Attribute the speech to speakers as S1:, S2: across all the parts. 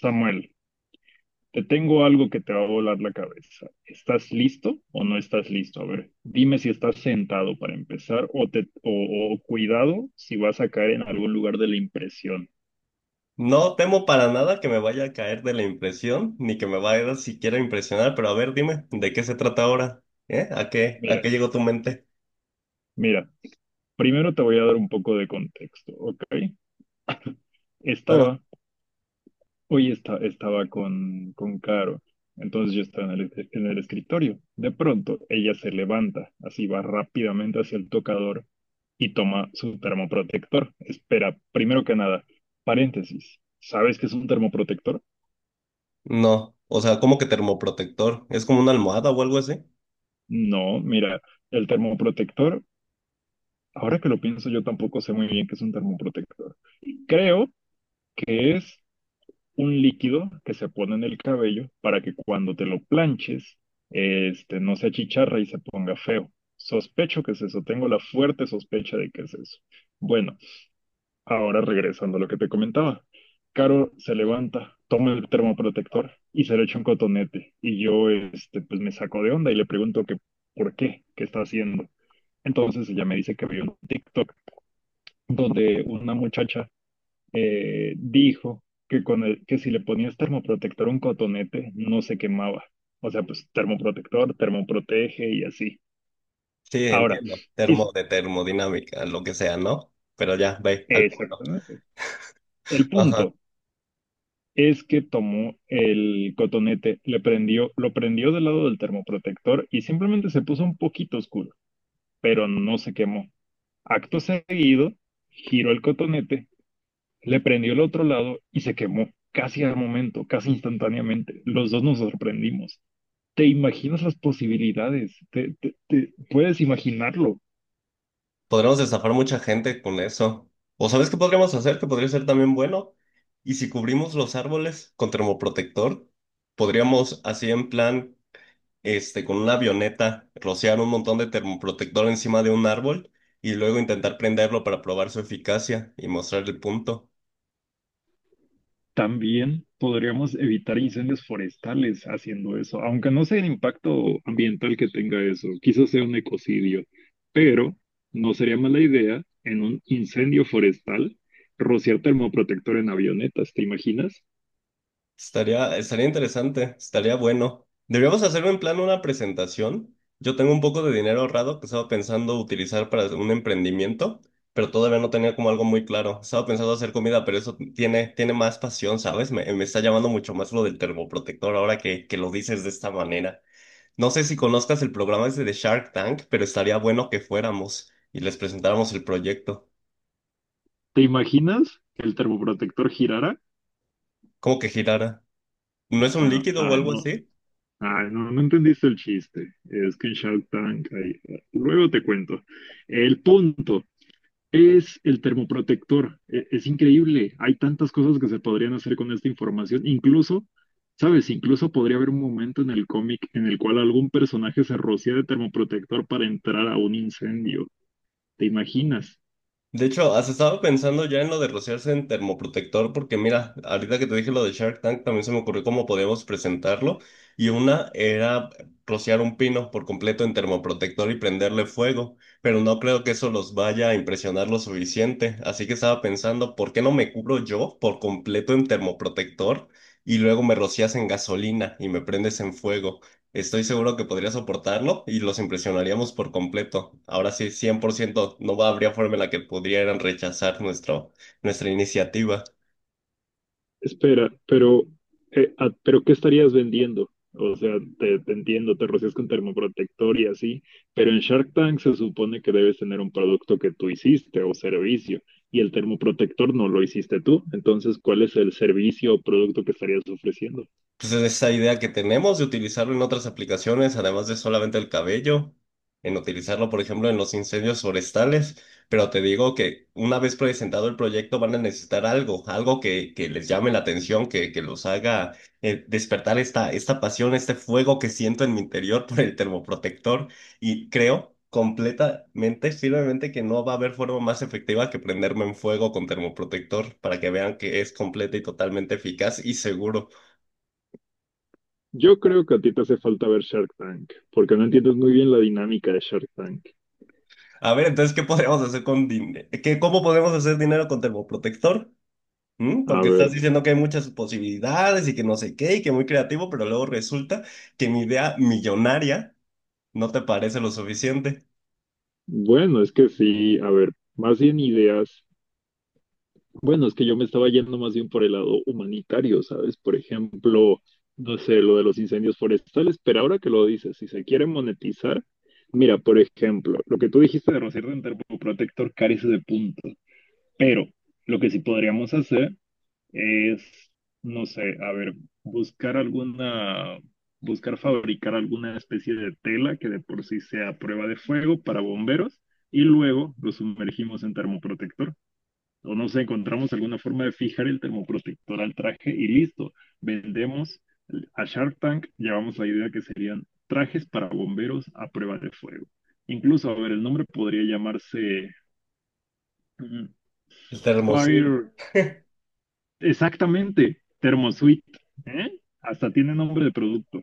S1: Samuel, te tengo algo que te va a volar la cabeza. ¿Estás listo o no estás listo? A ver, dime si estás sentado para empezar o, cuidado si vas a caer en algún lugar de la impresión.
S2: No temo para nada que me vaya a caer de la impresión, ni que me vaya a siquiera a impresionar, pero a ver, dime, ¿de qué se trata ahora? ¿Eh? ¿A qué
S1: Mira,
S2: llegó tu mente?
S1: mira, primero te voy a dar un poco de contexto, ¿ok?
S2: Claro.
S1: Estaba Hoy estaba con Caro, entonces yo estaba en el escritorio. De pronto, ella se levanta, así va rápidamente hacia el tocador y toma su termoprotector. Espera, primero que nada, paréntesis, ¿sabes qué es un termoprotector?
S2: No, o sea, ¿cómo que termoprotector? ¿Es como una almohada o algo así?
S1: No, mira, el termoprotector, ahora que lo pienso, yo tampoco sé muy bien qué es un termoprotector. Creo que es un líquido que se pone en el cabello para que cuando te lo planches, este, no se achicharra y se ponga feo. Sospecho que es eso, tengo la fuerte sospecha de que es eso. Bueno, ahora regresando a lo que te comentaba. Caro se levanta, toma el termoprotector y se lo echa un cotonete. Y yo, este, pues me saco de onda y le pregunto que, ¿por qué? ¿Qué está haciendo? Entonces ella me dice que vio un TikTok donde una muchacha dijo que, que si le ponías termoprotector a un cotonete, no se quemaba. O sea, pues termoprotector, termoprotege y así.
S2: Sí,
S1: Ahora,
S2: entiendo. Termo
S1: y-
S2: de termodinámica, lo que sea, ¿no? Pero ya, ve, al punto.
S1: exactamente. El
S2: Ajá.
S1: punto es que tomó el cotonete, lo prendió del lado del termoprotector y simplemente se puso un poquito oscuro, pero no se quemó. Acto seguido, giró el cotonete, le prendió el otro lado y se quemó. Casi al momento, casi instantáneamente. Los dos nos sorprendimos. ¿Te imaginas las posibilidades? Te puedes imaginarlo.
S2: Podremos estafar mucha gente con eso. ¿O sabes qué podríamos hacer? Que podría ser también bueno. Y si cubrimos los árboles con termoprotector, podríamos así en plan este, con una avioneta, rociar un montón de termoprotector encima de un árbol y luego intentar prenderlo para probar su eficacia y mostrar el punto.
S1: También podríamos evitar incendios forestales haciendo eso, aunque no sea el impacto ambiental que tenga eso, quizás sea un ecocidio, pero no sería mala idea en un incendio forestal rociar termoprotector en avionetas, ¿te imaginas?
S2: Estaría interesante, estaría bueno. Deberíamos hacer en plan una presentación. Yo tengo un poco de dinero ahorrado que estaba pensando utilizar para un emprendimiento, pero todavía no tenía como algo muy claro. Estaba pensando hacer comida, pero eso tiene, tiene más pasión, ¿sabes? Me está llamando mucho más lo del termoprotector ahora que lo dices de esta manera. No sé si conozcas el programa ese de Shark Tank, pero estaría bueno que fuéramos y les presentáramos el proyecto.
S1: ¿Te imaginas que el termoprotector girara?
S2: ¿Cómo que girara? ¿No es un
S1: Ajá,
S2: líquido o
S1: ah,
S2: algo
S1: no.
S2: así?
S1: Ah, no, no entendiste el chiste. Es que en Shark Tank hay... Luego te cuento. El punto es el termoprotector. Es, increíble. Hay tantas cosas que se podrían hacer con esta información. Incluso, ¿sabes? Incluso podría haber un momento en el cómic en el cual algún personaje se rocía de termoprotector para entrar a un incendio. ¿Te imaginas?
S2: De hecho, has estado pensando ya en lo de rociarse en termoprotector, porque mira, ahorita que te dije lo de Shark Tank, también se me ocurrió cómo podíamos presentarlo. Y una era rociar un pino por completo en termoprotector y prenderle fuego, pero no creo que eso los vaya a impresionar lo suficiente. Así que estaba pensando, ¿por qué no me cubro yo por completo en termoprotector y luego me rocias en gasolina y me prendes en fuego? Estoy seguro que podría soportarlo y los impresionaríamos por completo. Ahora sí, 100%, no habría forma en la que pudieran rechazar nuestro, nuestra iniciativa.
S1: Espera, pero ¿qué estarías vendiendo? O sea, te entiendo, te rocias con termoprotector y así, pero en Shark Tank se supone que debes tener un producto que tú hiciste o servicio, y el termoprotector no lo hiciste tú. Entonces, ¿cuál es el servicio o producto que estarías ofreciendo?
S2: Pues esa idea que tenemos de utilizarlo en otras aplicaciones, además de solamente el cabello, en utilizarlo, por ejemplo, en los incendios forestales. Pero te digo que una vez presentado el proyecto van a necesitar algo, algo que les llame la atención, que los haga despertar esta pasión, este fuego que siento en mi interior por el termoprotector. Y creo completamente, firmemente que no va a haber forma más efectiva que prenderme en fuego con termoprotector para que vean que es completa y totalmente eficaz y seguro.
S1: Yo creo que a ti te hace falta ver Shark Tank, porque no entiendes muy bien la dinámica de Shark Tank.
S2: A ver, entonces, ¿qué podemos hacer con dinero? ¿Cómo podemos hacer dinero con termoprotector? ¿Mm?
S1: A
S2: Porque
S1: ver,
S2: estás diciendo que hay muchas posibilidades y que no sé qué y que muy creativo, pero luego resulta que mi idea millonaria no te parece lo suficiente.
S1: bueno, es que sí, a ver, más bien ideas. Bueno, es que yo me estaba yendo más bien por el lado humanitario, ¿sabes? Por ejemplo, no sé, lo de los incendios forestales, pero ahora que lo dices, si se quiere monetizar, mira, por ejemplo, lo que tú dijiste de rociar de protector carece de puntos, pero lo que sí podríamos hacer es, no sé, a ver, buscar alguna, buscar fabricar alguna especie de tela que de por sí sea prueba de fuego para bomberos y luego lo sumergimos en termoprotector o nos encontramos alguna forma de fijar el termoprotector al traje y listo, vendemos a Shark Tank, llevamos la idea que serían trajes para bomberos a prueba de fuego. Incluso, a ver, el nombre podría llamarse mm,
S2: El termosud.
S1: Fire, exactamente, Thermosuite, ¿eh? Hasta tiene nombre de producto.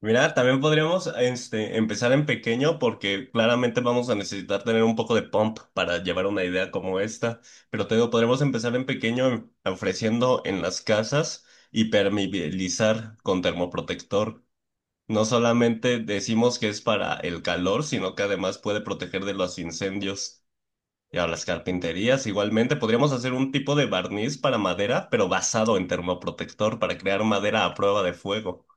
S2: Mira, también podríamos este, empezar en pequeño porque claramente vamos a necesitar tener un poco de pump para llevar una idea como esta. Pero te digo, podríamos empezar en pequeño, ofreciendo en las casas impermeabilizar con termoprotector. No solamente decimos que es para el calor, sino que además puede proteger de los incendios y a las carpinterías. Igualmente, podríamos hacer un tipo de barniz para madera, pero basado en termoprotector para crear madera a prueba de fuego.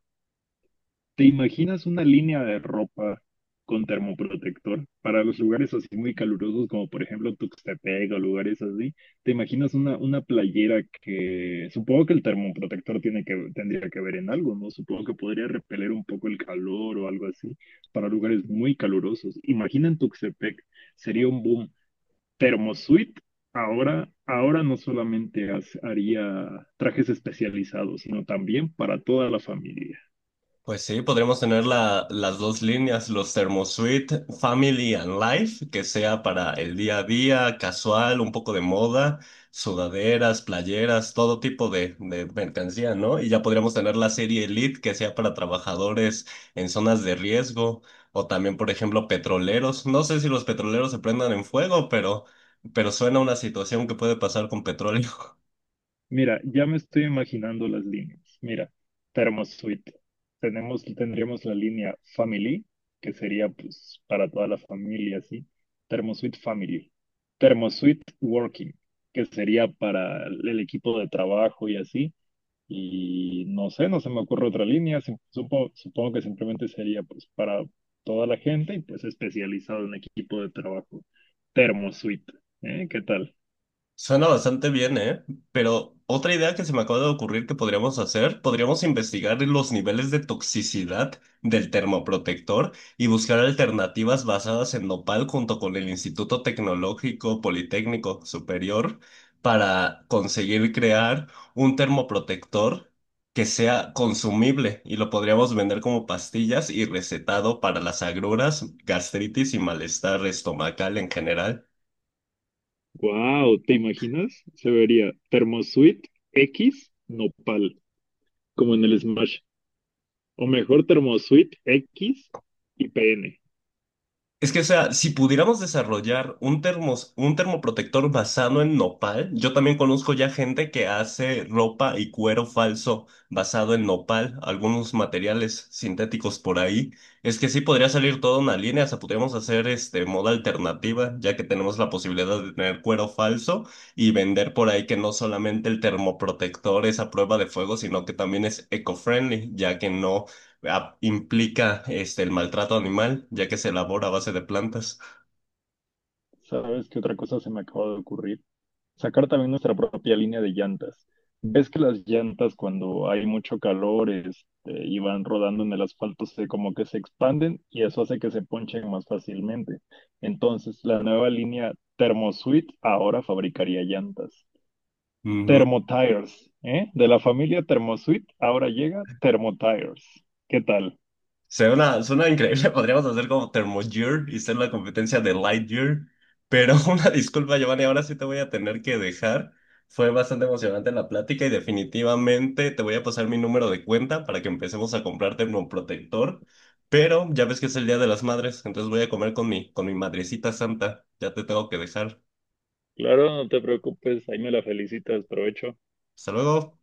S1: ¿Te imaginas una línea de ropa con termoprotector para los lugares así muy calurosos, como por ejemplo Tuxtepec o lugares así? ¿Te imaginas una playera que supongo que el termoprotector tiene que, tendría que ver en algo, ¿no? Supongo que podría repeler un poco el calor o algo así para lugares muy calurosos. Imagina en Tuxtepec, sería un boom. Termosuite ahora no solamente haría trajes especializados, sino también para toda la familia.
S2: Pues sí, podremos tener las dos líneas, los ThermoSuite Family and Life, que sea para el día a día, casual, un poco de moda, sudaderas, playeras, todo tipo de mercancía, ¿no? Y ya podríamos tener la serie Elite, que sea para trabajadores en zonas de riesgo, o también, por ejemplo, petroleros. No sé si los petroleros se prendan en fuego, pero suena una situación que puede pasar con petróleo.
S1: Mira, ya me estoy imaginando las líneas. Mira, Thermosuite. Tendríamos la línea Family, que sería pues para toda la familia, ¿sí? Thermosuite Family. Thermosuite Working, que sería para el equipo de trabajo y así. Y no sé, no se me ocurre otra línea. Supongo que simplemente sería pues para toda la gente y pues especializado en equipo de trabajo. Thermosuite, ¿eh? ¿Qué tal?
S2: Suena bastante bien, ¿eh? Pero otra idea que se me acaba de ocurrir que podríamos hacer, podríamos investigar los niveles de toxicidad del termoprotector y buscar alternativas basadas en nopal junto con el Instituto Tecnológico Politécnico Superior para conseguir crear un termoprotector que sea consumible y lo podríamos vender como pastillas y recetado para las agruras, gastritis y malestar estomacal en general.
S1: Wow, ¿te imaginas? Se vería Thermosuite X Nopal, como en el Smash. O mejor Thermosuite X y PN.
S2: Es que, o sea, si pudiéramos desarrollar un termos, un termoprotector basado en nopal, yo también conozco ya gente que hace ropa y cuero falso basado en nopal, algunos materiales sintéticos por ahí. Es que sí podría salir toda una línea, o sea, podríamos hacer este moda alternativa, ya que tenemos la posibilidad de tener cuero falso y vender por ahí que no solamente el termoprotector es a prueba de fuego, sino que también es eco-friendly, ya que no implica este, el maltrato animal, ya que se elabora a base de plantas.
S1: ¿Sabes qué otra cosa se me acaba de ocurrir? Sacar también nuestra propia línea de llantas. ¿Ves que las llantas cuando hay mucho calor, este, y van rodando en el asfalto, se como que se expanden y eso hace que se ponchen más fácilmente? Entonces, la nueva línea Thermosuite ahora fabricaría llantas.
S2: Ujú.
S1: Thermotires, ¿eh? De la familia Thermosuite, ahora llega Thermotires. ¿Qué tal?
S2: Suena increíble, podríamos hacer como Thermogear y ser la competencia de Lightyear. Pero una disculpa, Giovanni, ahora sí te voy a tener que dejar. Fue bastante emocionante la plática y definitivamente te voy a pasar mi número de cuenta para que empecemos a comprar termoprotector. Pero ya ves que es el Día de las Madres, entonces voy a comer con mi madrecita santa. Ya te tengo que dejar.
S1: Claro, no te preocupes, ahí me la felicitas, provecho.
S2: Hasta luego.